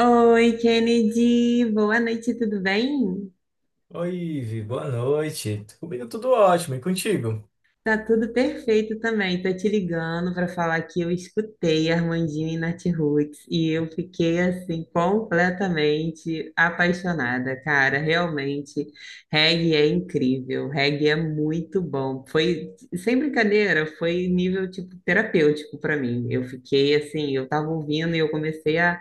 Oi, Kennedy, boa noite, tudo bem? Oi, Ivi, boa noite. Comigo tudo ótimo, e contigo? Tá tudo perfeito também. Tô te ligando para falar que eu escutei Armandinho e Natiruts e eu fiquei assim completamente apaixonada, cara. Realmente, reggae é incrível, reggae é muito bom. Foi sem brincadeira, foi nível tipo terapêutico para mim. Eu fiquei assim, eu tava ouvindo e eu comecei a...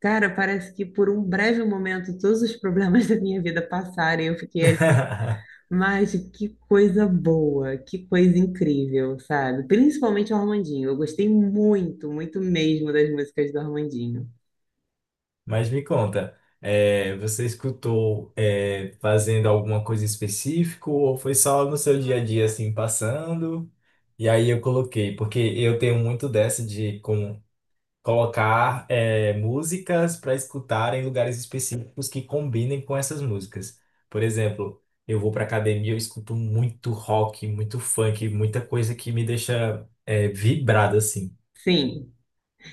Cara, parece que por um breve momento todos os problemas da minha vida passaram e eu fiquei... Mas que coisa boa, que coisa incrível, sabe? Principalmente o Armandinho. Eu gostei muito, muito mesmo das músicas do Armandinho. Mas me conta, você escutou fazendo alguma coisa específica ou foi só no seu dia a dia assim passando? E aí eu coloquei, porque eu tenho muito dessa de como colocar músicas para escutar em lugares específicos que combinem com essas músicas. Por exemplo, eu vou para academia, eu escuto muito rock, muito funk, muita coisa que me deixa vibrado assim. Sim,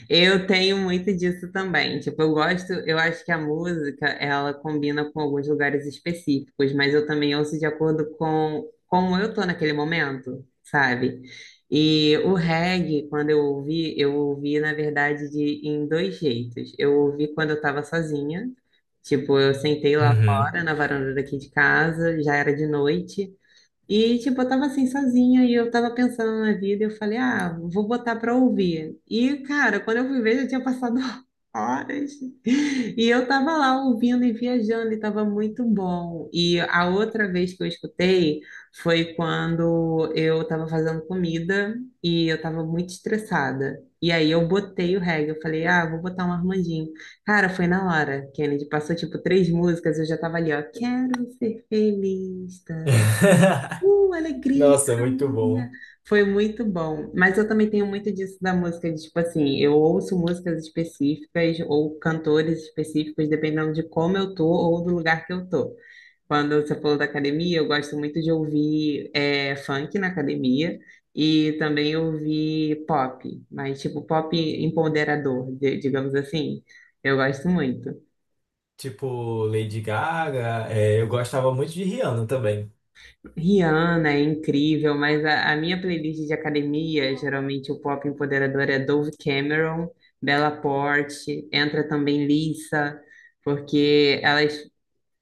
eu tenho muito disso também. Tipo, eu gosto, eu acho que a música, ela combina com alguns lugares específicos, mas eu também ouço de acordo com como eu tô naquele momento, sabe? E o reggae, quando eu ouvi, na verdade, em dois jeitos. Eu ouvi quando eu tava sozinha, tipo, eu sentei lá Uhum. fora, na varanda daqui de casa, já era de noite, e, tipo, eu tava assim sozinha e eu tava pensando na vida e eu falei, ah, vou botar pra ouvir. E, cara, quando eu fui ver, já tinha passado horas. E eu tava lá ouvindo e viajando e tava muito bom. E a outra vez que eu escutei foi quando eu tava fazendo comida e eu tava muito estressada. E aí eu botei o reggae, eu falei, ah, vou botar um Armandinho. Cara, foi na hora, Kennedy. Passou, tipo, três músicas, eu já tava ali, ó, quero ser feliz. Alegria, Nossa, muito família. bom. Foi muito bom. Mas eu também tenho muito disso da música, de, tipo assim, eu ouço músicas específicas ou cantores específicos, dependendo de como eu tô ou do lugar que eu tô. Quando você falou da academia, eu gosto muito de ouvir funk na academia e também ouvir pop, mas tipo pop empoderador, digamos assim. Eu gosto muito. Tipo Lady Gaga, eu gostava muito de Rihanna também. Rihanna é incrível, mas a minha playlist de academia, geralmente o pop empoderador é Dove Cameron, Bella Porte, entra também Lisa, porque elas,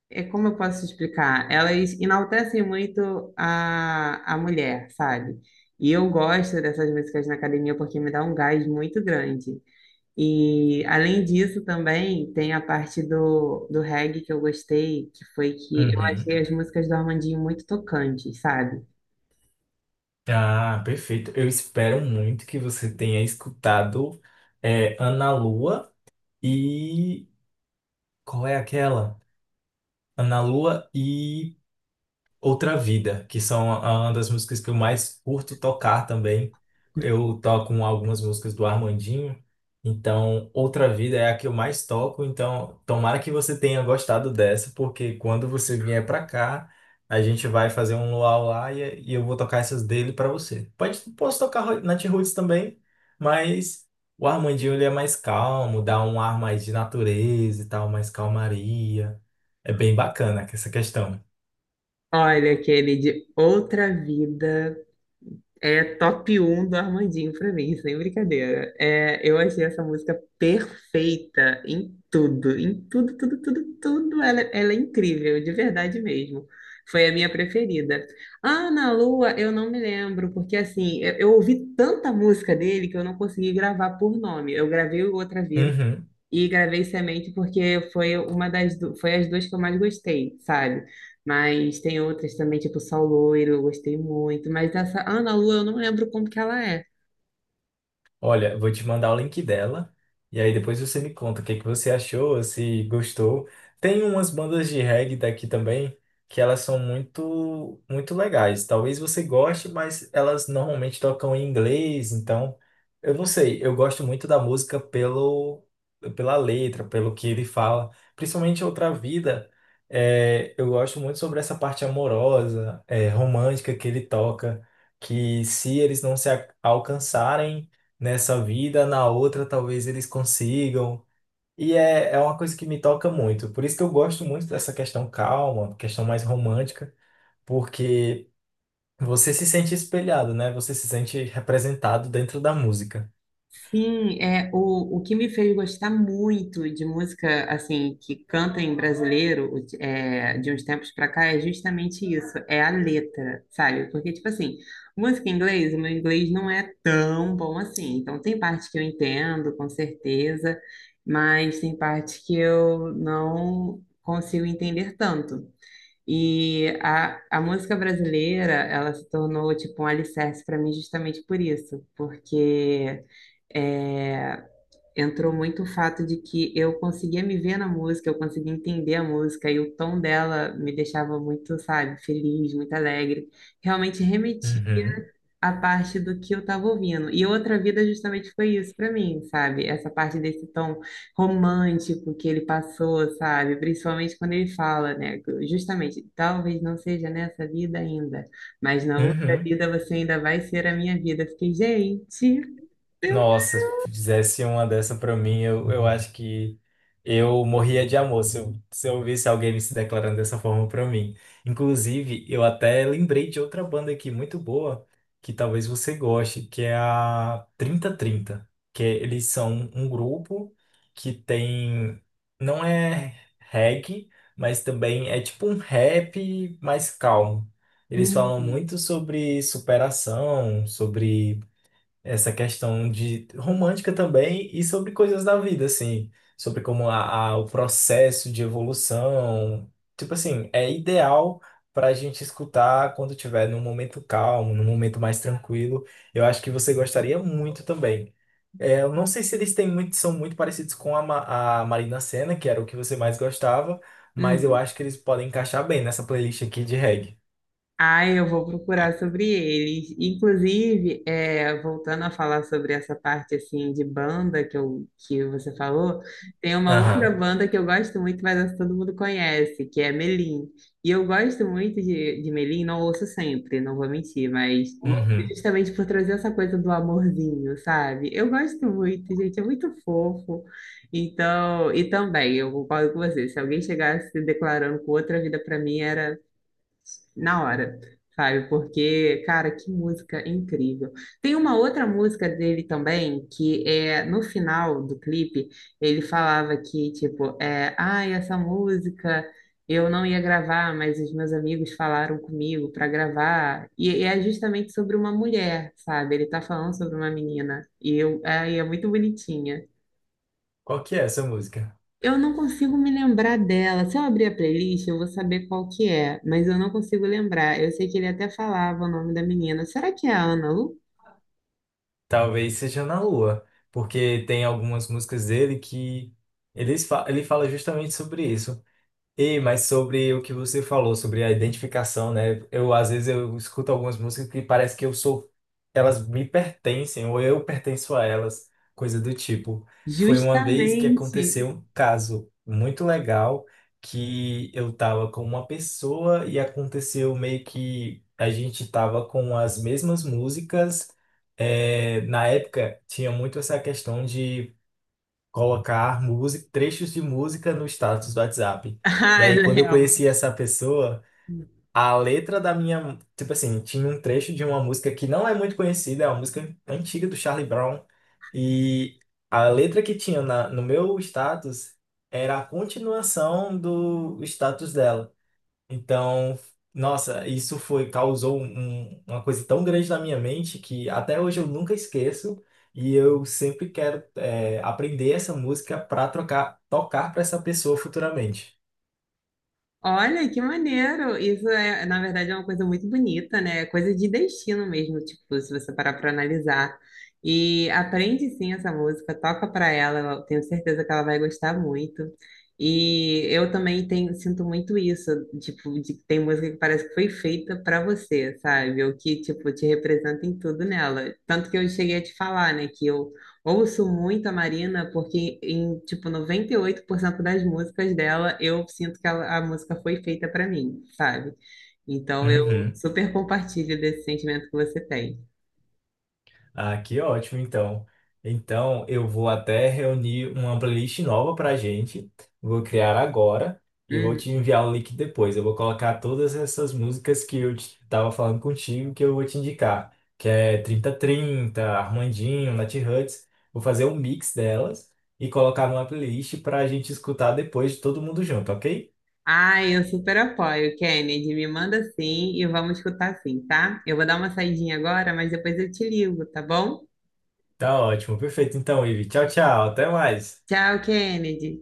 é como eu posso explicar, elas enaltecem muito a mulher, sabe? E eu gosto dessas músicas na academia porque me dá um gás muito grande. E além disso também tem a parte do reggae que eu gostei, que foi que eu Uhum. achei as músicas do Armandinho muito tocantes, sabe? Ah, perfeito. Eu espero muito que você tenha escutado Ana Lua e qual é aquela? Na Lua e Outra Vida, que são uma das músicas que eu mais curto tocar também. Eu toco um, algumas músicas do Armandinho, então Outra Vida é a que eu mais toco, então tomara que você tenha gostado dessa, porque quando você vier para cá, a gente vai fazer um luau lá e eu vou tocar essas dele para você. Pode, posso tocar Nat Roots também, mas o Armandinho ele é mais calmo, dá um ar mais de natureza e tal, mais calmaria. É bem bacana essa questão. Olha aquele de Outra Vida. É top um do Armandinho pra mim, sem brincadeira. É, eu achei essa música perfeita em tudo, tudo, tudo, tudo. Ela é incrível, de verdade mesmo. Foi a minha preferida. Ah, na Lua, eu não me lembro, porque assim, eu ouvi tanta música dele que eu não consegui gravar por nome. Eu gravei Outra Vez Uhum. e gravei Semente porque foi uma das foi as duas que eu mais gostei, sabe? Mas tem outras também, tipo Sol Loiro, eu gostei muito. Mas essa Ana Lu, eu não lembro como que ela é. Olha, vou te mandar o link dela e aí depois você me conta o que que você achou, se gostou. Tem umas bandas de reggae daqui também que elas são muito muito legais. Talvez você goste, mas elas normalmente tocam em inglês, então eu não sei, eu gosto muito da música pelo pela letra, pelo que ele fala, principalmente Outra Vida. Eu gosto muito sobre essa parte amorosa, romântica que ele toca, que se eles não se alcançarem nessa vida, na outra talvez eles consigam. E é uma coisa que me toca muito. Por isso que eu gosto muito dessa questão calma, questão mais romântica, porque você se sente espelhado, né? Você se sente representado dentro da música. Sim, é, o que me fez gostar muito de música, assim, que canta em brasileiro, de uns tempos pra cá, é justamente isso, é a letra, sabe? Porque, tipo assim, música em inglês, o meu inglês não é tão bom assim, então tem parte que eu entendo, com certeza, mas tem parte que eu não consigo entender tanto. E a música brasileira, ela se tornou, tipo, um alicerce para mim justamente por isso, porque é, entrou muito o fato de que eu conseguia me ver na música, eu conseguia entender a música e o tom dela me deixava muito, sabe, feliz, muito alegre. Realmente remeti Uhum. à parte do que eu estava ouvindo. E Outra Vida justamente foi isso para mim, sabe? Essa parte desse tom romântico que ele passou, sabe? Principalmente quando ele fala, né? Justamente, talvez não seja nessa vida ainda, mas na outra Uhum. vida você ainda vai ser a minha vida. Eu fiquei, gente, eu... Nossa, se fizesse uma dessa pra mim, eu acho que eu morria de amor se eu, se eu visse alguém me se declarando dessa forma pra mim. Inclusive, eu até lembrei de outra banda aqui muito boa, que talvez você goste, que é a 3030 que é, eles são um grupo que tem, não é reggae, mas também é tipo um rap mais calmo. Eles falam Hum. muito sobre superação, sobre essa questão de romântica também e sobre coisas da vida, assim, sobre como o processo de evolução, tipo assim, é ideal para a gente escutar quando tiver num momento calmo, num momento mais tranquilo. Eu acho que você gostaria muito também. É, eu não sei se eles têm muito, são muito parecidos com a, a Marina Sena, que era o que você mais gostava, mas eu Hum. acho que eles podem encaixar bem nessa playlist aqui de reggae. Ai, eu vou procurar sobre eles. Inclusive, é, voltando a falar sobre essa parte assim de banda que você falou, tem uma outra Aham. banda que eu gosto muito, mas essa todo mundo conhece, que é Melim. E eu gosto muito de Melim, não ouço sempre, não vou mentir, mas Uhum. justamente por trazer essa coisa do amorzinho, sabe? Eu gosto muito, gente, é muito fofo. Então, e também, eu concordo com você, se alguém chegasse declarando com outra vida pra mim, era na hora, sabe? Porque, cara, que música incrível. Tem uma outra música dele também, que é no final do clipe, ele falava que, tipo, é, ai, essa música eu não ia gravar, mas os meus amigos falaram comigo para gravar. E é justamente sobre uma mulher, sabe? Ele tá falando sobre uma menina. E eu, ai, é muito bonitinha. Qual que é essa música? Eu não consigo me lembrar dela. Se eu abrir a playlist, eu vou saber qual que é, mas eu não consigo lembrar. Eu sei que ele até falava o nome da menina. Será que é a Ana Lu? Talvez seja Na Lua, porque tem algumas músicas dele que ele fala justamente sobre isso. E, mas sobre o que você falou, sobre a identificação, né? Eu, às vezes, eu escuto algumas músicas que parece que eu sou... Elas me pertencem, ou eu pertenço a elas, coisa do tipo. Foi uma vez que Justamente. aconteceu um caso muito legal, que eu tava com uma pessoa e aconteceu meio que a gente tava com as mesmas músicas. É, na época, tinha muito essa questão de colocar música, trechos de música no status do WhatsApp. E Ah, aí, eu quando eu lembro. conheci essa pessoa, a letra da minha, tipo assim, tinha um trecho de uma música que não é muito conhecida, é uma música antiga do Charlie Brown, e a letra que tinha na, no meu status era a continuação do status dela. Então, nossa, isso foi, causou uma coisa tão grande na minha mente que até hoje eu nunca esqueço e eu sempre quero aprender essa música para trocar, tocar para essa pessoa futuramente. Olha, que maneiro! Isso é, na verdade, é uma coisa muito bonita, né? É coisa de destino mesmo, tipo, se você parar para analisar. E aprende sim essa música, toca para ela, eu tenho certeza que ela vai gostar muito. E eu também tenho, sinto muito isso, tipo, de que tem música que parece que foi feita para você, sabe? O que, tipo, te representa em tudo nela. Tanto que eu cheguei a te falar, né, que eu ouço muito a Marina, porque em, tipo, 98% das músicas dela, eu sinto que a música foi feita para mim, sabe? Então, eu Uhum. super compartilho desse sentimento que você tem. Ah, que ótimo, então. Então, eu vou até reunir uma playlist nova pra gente. Vou criar agora e vou Uhum. te enviar o link depois. Eu vou colocar todas essas músicas que eu tava falando contigo, que eu vou te indicar, que é 3030, Armandinho, Nat Hutz. Vou fazer um mix delas e colocar numa playlist pra gente escutar depois todo mundo junto, ok? Ah, eu super apoio, Kennedy. Me manda sim e vamos escutar sim, tá? Eu vou dar uma saidinha agora, mas depois eu te ligo, tá bom? Tá ótimo, perfeito. Então, Ivi, tchau, tchau, até mais. Tchau, Kennedy.